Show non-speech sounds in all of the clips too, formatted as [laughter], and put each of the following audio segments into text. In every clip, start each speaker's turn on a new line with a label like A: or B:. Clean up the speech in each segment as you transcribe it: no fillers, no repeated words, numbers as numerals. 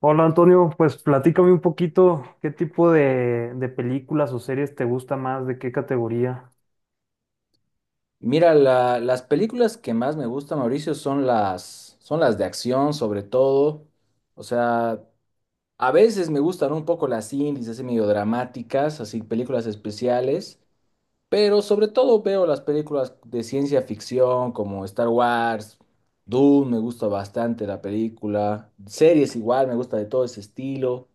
A: Hola, Antonio, pues platícame un poquito qué tipo de películas o series te gusta más, de qué categoría.
B: Mira, las películas que más me gustan, Mauricio, son las de acción, sobre todo. O sea, a veces me gustan un poco las indies, así medio dramáticas, así películas especiales, pero sobre todo veo las películas de ciencia ficción como Star Wars, Dune, me gusta bastante la película, series igual, me gusta de todo ese estilo.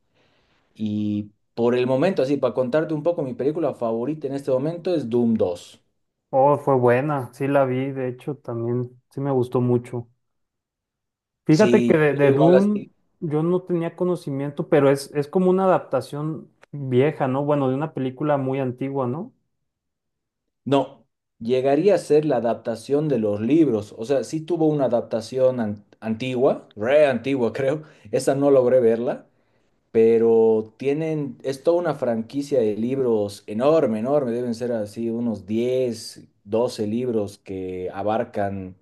B: Y por el momento, así, para contarte un poco, mi película favorita en este momento es Doom dos.
A: Oh, fue buena, sí la vi, de hecho también sí me gustó mucho. Fíjate
B: Sí,
A: que de,
B: yo
A: de
B: igual
A: Dune
B: así.
A: yo no tenía conocimiento, pero es como una adaptación vieja, ¿no? Bueno, de una película muy antigua, ¿no?
B: No, llegaría a ser la adaptación de los libros. O sea, sí tuvo una adaptación antigua, re antigua [laughs] creo. Esa no logré verla, pero tienen, es toda una franquicia de libros enorme, enorme. Deben ser así unos 10, 12 libros que abarcan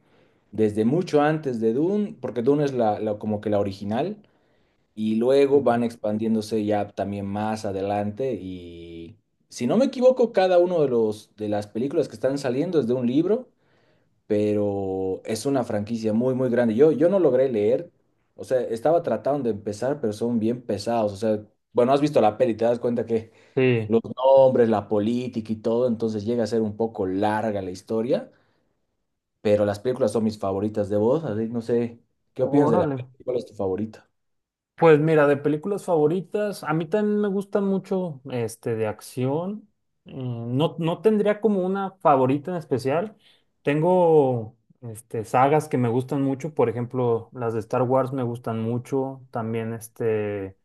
B: desde mucho antes de Dune, porque Dune es como que la original y luego van
A: Ujú.
B: expandiéndose ya también más adelante y si no me equivoco, cada uno de los de las películas que están saliendo es de un libro, pero es una franquicia muy muy grande. Yo no logré leer, o sea, estaba tratando de empezar, pero son bien pesados, o sea, bueno, has visto la peli, te das cuenta que
A: Sí.
B: los nombres, la política y todo, entonces llega a ser un poco larga la historia, pero las películas son mis favoritas de vos, así que no sé, ¿qué opinas de la
A: Órale.
B: peli? ¿Cuál es tu favorita?
A: Pues mira, de películas favoritas, a mí también me gustan mucho este de acción. No tendría como una favorita en especial. Tengo este, sagas que me gustan mucho, por ejemplo, las de Star Wars me gustan mucho. También este,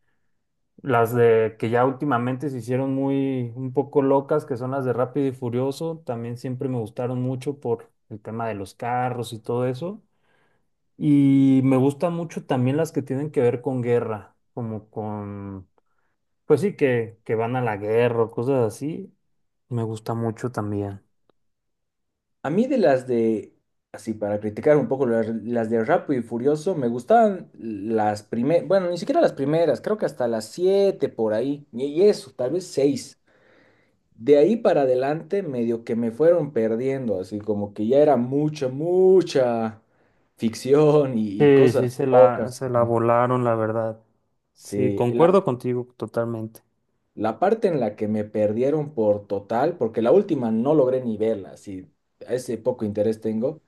A: las de que ya últimamente se hicieron muy un poco locas, que son las de Rápido y Furioso, también siempre me gustaron mucho por el tema de los carros y todo eso. Y me gustan mucho también las que tienen que ver con guerra, como con, pues sí, que van a la guerra o cosas así. Me gusta mucho también.
B: A mí de las de, así para criticar un poco las de Rápido y Furioso, me gustaban las primeras, bueno, ni siquiera las primeras, creo que hasta las siete por ahí, y eso, tal vez seis. De ahí para adelante, medio que me fueron perdiendo, así como que ya era mucha, mucha ficción y
A: Sí, sí,
B: cosas
A: se la,
B: locas.
A: se la volaron, la verdad. Sí,
B: Sí, la,
A: concuerdo contigo totalmente.
B: la parte en la que me perdieron por total, porque la última no logré ni verla, así, ese poco interés tengo.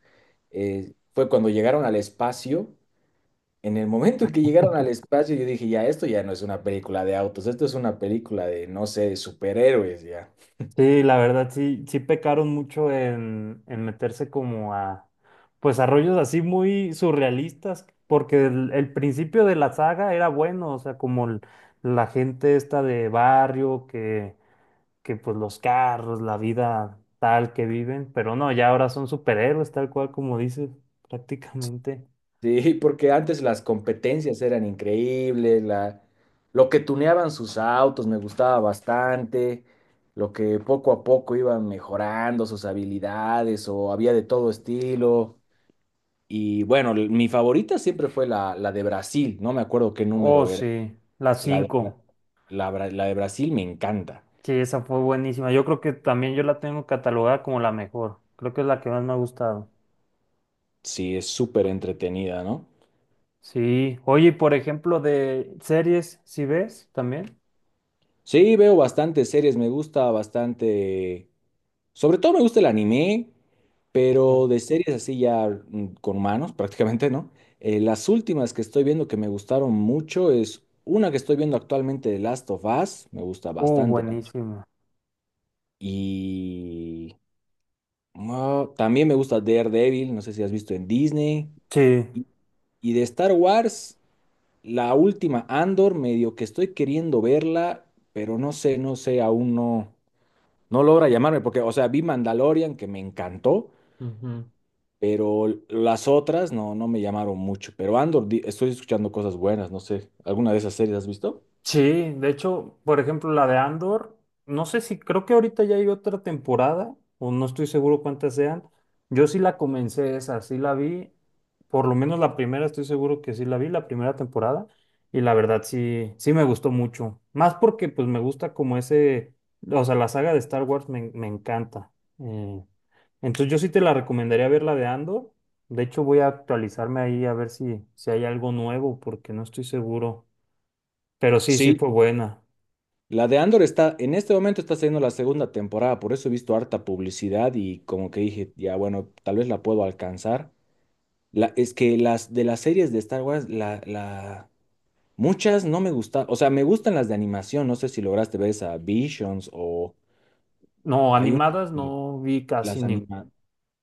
B: Fue cuando llegaron al espacio. En el momento en que llegaron al espacio, yo dije, ya, esto ya no es una película de autos, esto es una película de, no sé, de superhéroes, ya. [laughs]
A: Sí, la verdad, sí, sí pecaron mucho en meterse como a, pues a rollos así muy surrealistas, porque el principio de la saga era bueno, o sea, como el- la gente esta de barrio que pues los carros, la vida tal que viven, pero no, ya ahora son superhéroes, tal cual como dices, prácticamente.
B: Sí, porque antes las competencias eran increíbles, lo que tuneaban sus autos me gustaba bastante, lo que poco a poco iban mejorando sus habilidades o había de todo estilo. Y bueno, mi favorita siempre fue la de Brasil, no me acuerdo qué
A: Oh,
B: número era.
A: sí, la
B: La de-
A: cinco
B: la de Brasil me encanta.
A: Sí, esa fue buenísima. Yo creo que también yo la tengo catalogada como la mejor. Creo que es la que más me ha gustado.
B: Sí, es súper entretenida, ¿no?
A: Sí. Oye, y por ejemplo, de series, ¿sí ves también?
B: Sí, veo bastantes series, me gusta bastante. Sobre todo me gusta el anime, pero
A: Ok.
B: de series así ya con manos [laughs] prácticamente, ¿no? Las últimas que estoy viendo que me gustaron mucho es una que estoy viendo actualmente de Last of Us, me gusta bastante de hecho.
A: Buenísima.
B: Y también me gusta Daredevil, no sé si has visto en Disney.
A: Sí.
B: Y, y de Star Wars. La última, Andor, medio que estoy queriendo verla, pero no sé, aún no logra llamarme, porque, o sea, vi Mandalorian, que me encantó,
A: Ujú.
B: pero las otras no me llamaron mucho. Pero Andor, estoy escuchando cosas buenas, no sé, ¿alguna de esas series has visto?
A: Sí, de hecho, por ejemplo, la de Andor, no sé si creo que ahorita ya hay otra temporada, o no estoy seguro cuántas sean. Yo sí la comencé esa, sí la vi, por lo menos la primera, estoy seguro que sí la vi, la primera temporada, y la verdad sí, sí me gustó mucho. Más porque pues me gusta como ese, o sea, la saga de Star Wars me, me encanta. Eh, entonces yo sí te la recomendaría ver la de Andor. De hecho, voy a actualizarme ahí a ver si, si hay algo nuevo, porque no estoy seguro. Pero sí, sí
B: Sí,
A: fue buena.
B: la de Andor está, en este momento está saliendo la segunda temporada, por eso he visto harta publicidad y como que dije, ya bueno, tal vez la puedo alcanzar. Es que las de las series de Star Wars, muchas no me gustan, o sea, me gustan las de animación, no sé si lograste ver esa Visions o
A: No,
B: hay una
A: animadas no
B: que
A: vi casi
B: las
A: ninguna.
B: anima,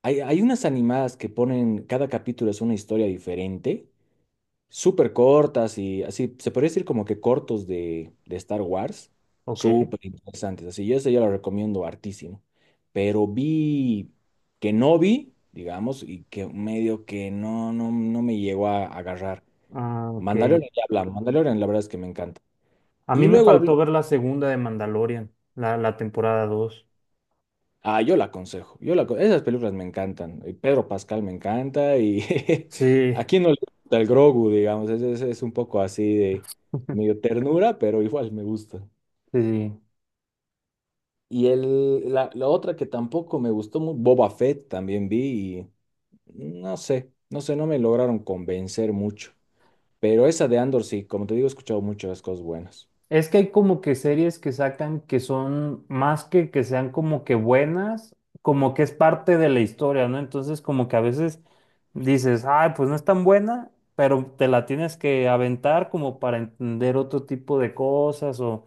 B: hay unas animadas que ponen, cada capítulo es una historia diferente, súper cortas y así, se podría decir como que cortos de Star Wars,
A: Ok.
B: súper interesantes, así, yo eso yo lo recomiendo hartísimo, pero vi que no vi, digamos, y que medio que no me llegó a agarrar.
A: Ah, ok.
B: Mandalorian ya hablamos, Mandalorian la verdad es que me encanta.
A: A mí
B: Y
A: me
B: luego
A: faltó
B: hablé.
A: ver la segunda de Mandalorian, la temporada 2.
B: Ah, yo la aconsejo. Yo esas películas me encantan. Pedro Pascal me encanta y [laughs]
A: Sí,
B: a quién no le gusta el Grogu, digamos. Es un poco así de medio ternura, pero igual me gusta.
A: sí. Sí.
B: Y la otra que tampoco me gustó mucho, Boba Fett también vi y no sé, no me lograron convencer mucho. Pero esa de Andor sí, como te digo, he escuchado muchas cosas buenas.
A: Es que hay como que series que sacan que son más que sean como que buenas, como que es parte de la historia, ¿no? Entonces como que a veces dices, ay, pues no es tan buena, pero te la tienes que aventar como para entender otro tipo de cosas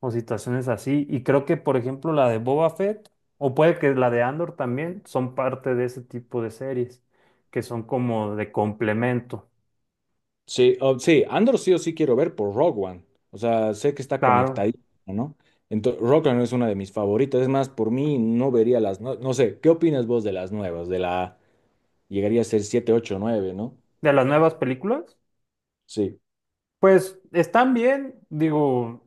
A: o situaciones así. Y creo que, por ejemplo, la de Boba Fett, o puede que la de Andor también, son parte de ese tipo de series, que son como de complemento.
B: Sí, sí, Andor sí o sí quiero ver por Rogue One. O sea, sé que está
A: Claro,
B: conectadísimo, ¿no? Entonces, Rogue One es una de mis favoritas. Es más, por mí no vería No sé, ¿qué opinas vos de las nuevas? De la. Llegaría a ser siete, ocho, nueve, ¿no?
A: de las nuevas películas,
B: Sí,
A: pues están bien, digo,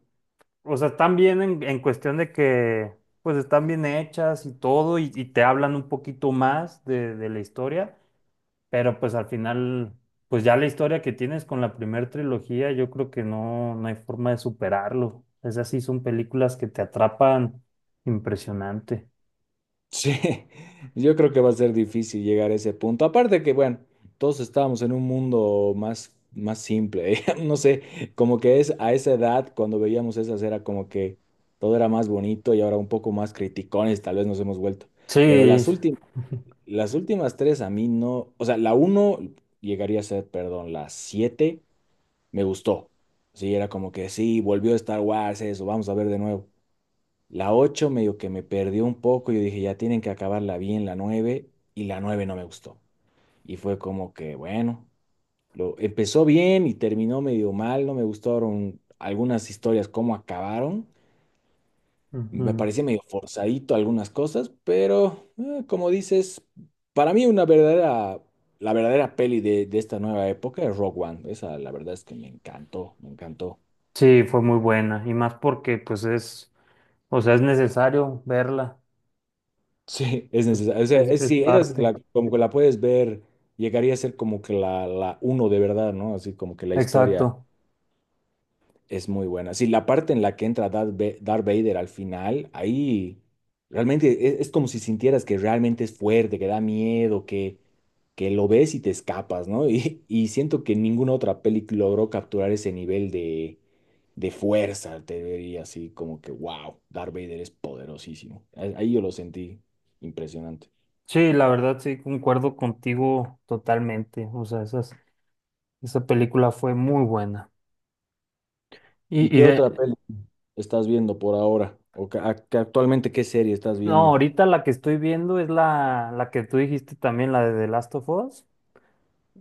A: o sea, están bien en cuestión de que, pues están bien hechas y todo, y te hablan un poquito más de la historia. Pero pues al final, pues ya la historia que tienes con la primera trilogía, yo creo que no, no hay forma de superarlo. Esas sí son películas que te atrapan impresionante.
B: sí. [laughs] Yo creo que va a ser difícil llegar a ese punto. Aparte que, bueno, todos estábamos en un mundo más, más simple. [laughs] No sé, como que es a esa edad, cuando veíamos esas, era como que todo era más bonito y ahora un poco más criticones, tal vez nos hemos vuelto. Pero
A: Sí,
B: las últimas. Las últimas tres a mí no, o sea, la uno llegaría a ser, perdón, la siete me gustó. Sí, era como que sí, volvió Star Wars, eso, vamos a ver de nuevo. La ocho medio que me perdió un poco, yo dije, ya tienen que acabarla bien la nueve, y la nueve no me gustó. Y fue como que, bueno, lo empezó bien y terminó medio mal, no me gustaron algunas historias cómo acabaron, me
A: ujú.
B: parecía medio forzadito algunas cosas, pero como dices, para mí una verdadera, la verdadera peli de esta nueva época es Rogue One. Esa la verdad es que me encantó, me encantó. [laughs]
A: Sí, fue muy buena. Y más porque pues es, o sea, es necesario verla.
B: Sí, es
A: Es,
B: necesario. O sea, es,
A: es
B: sí, esa es
A: parte.
B: como que la puedes ver, llegaría a ser como que la uno de verdad, ¿no? Así como que la
A: Exacto.
B: historia. Es muy buena. Sí, la parte en la que entra Darth Vader al final, ahí realmente es como si sintieras que realmente es fuerte, que da miedo, que lo ves y te escapas, ¿no? [laughs] Y siento que ninguna otra peli logró capturar ese nivel de fuerza, te diría así como que, wow, Darth Vader es poderosísimo. Ahí yo lo sentí impresionante.
A: Sí, la verdad sí, concuerdo contigo totalmente. O sea, esas, esa película fue muy buena.
B: ¿Y
A: Y
B: qué
A: de,
B: otra peli estás viendo por ahora? ¿O que actualmente qué serie estás
A: no,
B: viendo?
A: ahorita la que estoy viendo es la que tú dijiste también, la de The Last of Us.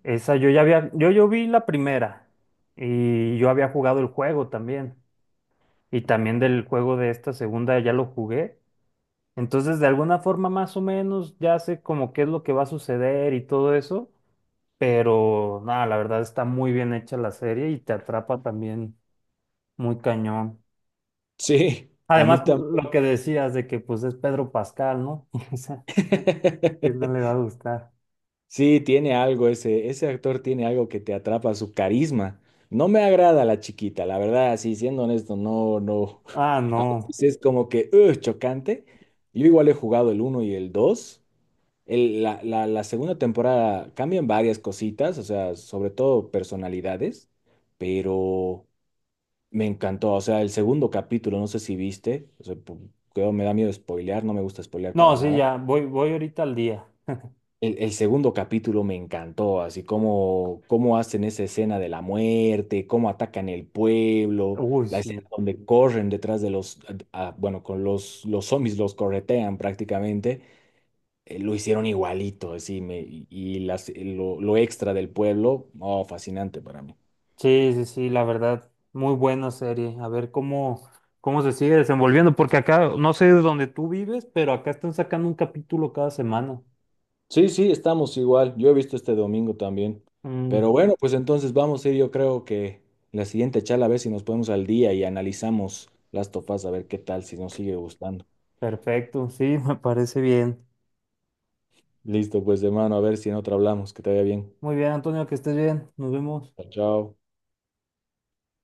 A: Esa yo ya había, yo vi la primera y yo había jugado el juego también. Y también del juego de esta segunda ya lo jugué. Entonces, de alguna forma más o menos ya sé como qué es lo que va a suceder y todo eso. Pero nada, la verdad está muy bien hecha la serie y te atrapa también muy cañón.
B: Sí, a mí
A: Además,
B: también.
A: lo que decías de que pues es Pedro Pascal, ¿no? [laughs] O sea, ¿quién no le
B: [laughs]
A: va a gustar?
B: Sí, tiene algo ese, actor tiene algo que te atrapa, su carisma. No me agrada la chiquita, la verdad, así siendo honesto, no, no. [laughs]
A: Ah,
B: A
A: no.
B: veces es como que, "Ugh", chocante. Yo igual he jugado el uno y el dos. La segunda temporada cambian varias cositas, o sea, sobre todo personalidades, pero me encantó. O sea, el segundo capítulo, no sé si viste, o sea, me da miedo spoilear, no me gusta spoilear
A: No,
B: para
A: sí,
B: nada.
A: ya, voy, voy ahorita al día.
B: El segundo capítulo me encantó, así como cómo hacen esa escena de la muerte, cómo atacan el pueblo,
A: Uy,
B: la escena
A: sí.
B: donde corren detrás de los, bueno, con los zombies los corretean prácticamente, lo hicieron igualito, así, me, y las, lo extra del pueblo, oh, fascinante para mí.
A: Sí, sí, sí, la verdad, muy buena serie. A ver cómo, cómo se sigue desenvolviendo, porque acá, no sé de dónde tú vives, pero acá están sacando un capítulo cada semana.
B: Sí, sí, estamos igual. Yo he visto este domingo también. Pero
A: Mm,
B: bueno, pues entonces vamos a ir, yo creo que la siguiente charla a ver si nos ponemos al día y analizamos las tofas a ver qué tal, si nos sigue gustando.
A: perfecto, sí, [laughs] me parece bien.
B: Listo, pues de mano, a ver si en otra hablamos. Que te vaya bien.
A: Muy bien, Antonio, que estés bien. Nos vemos.
B: Chao, chao.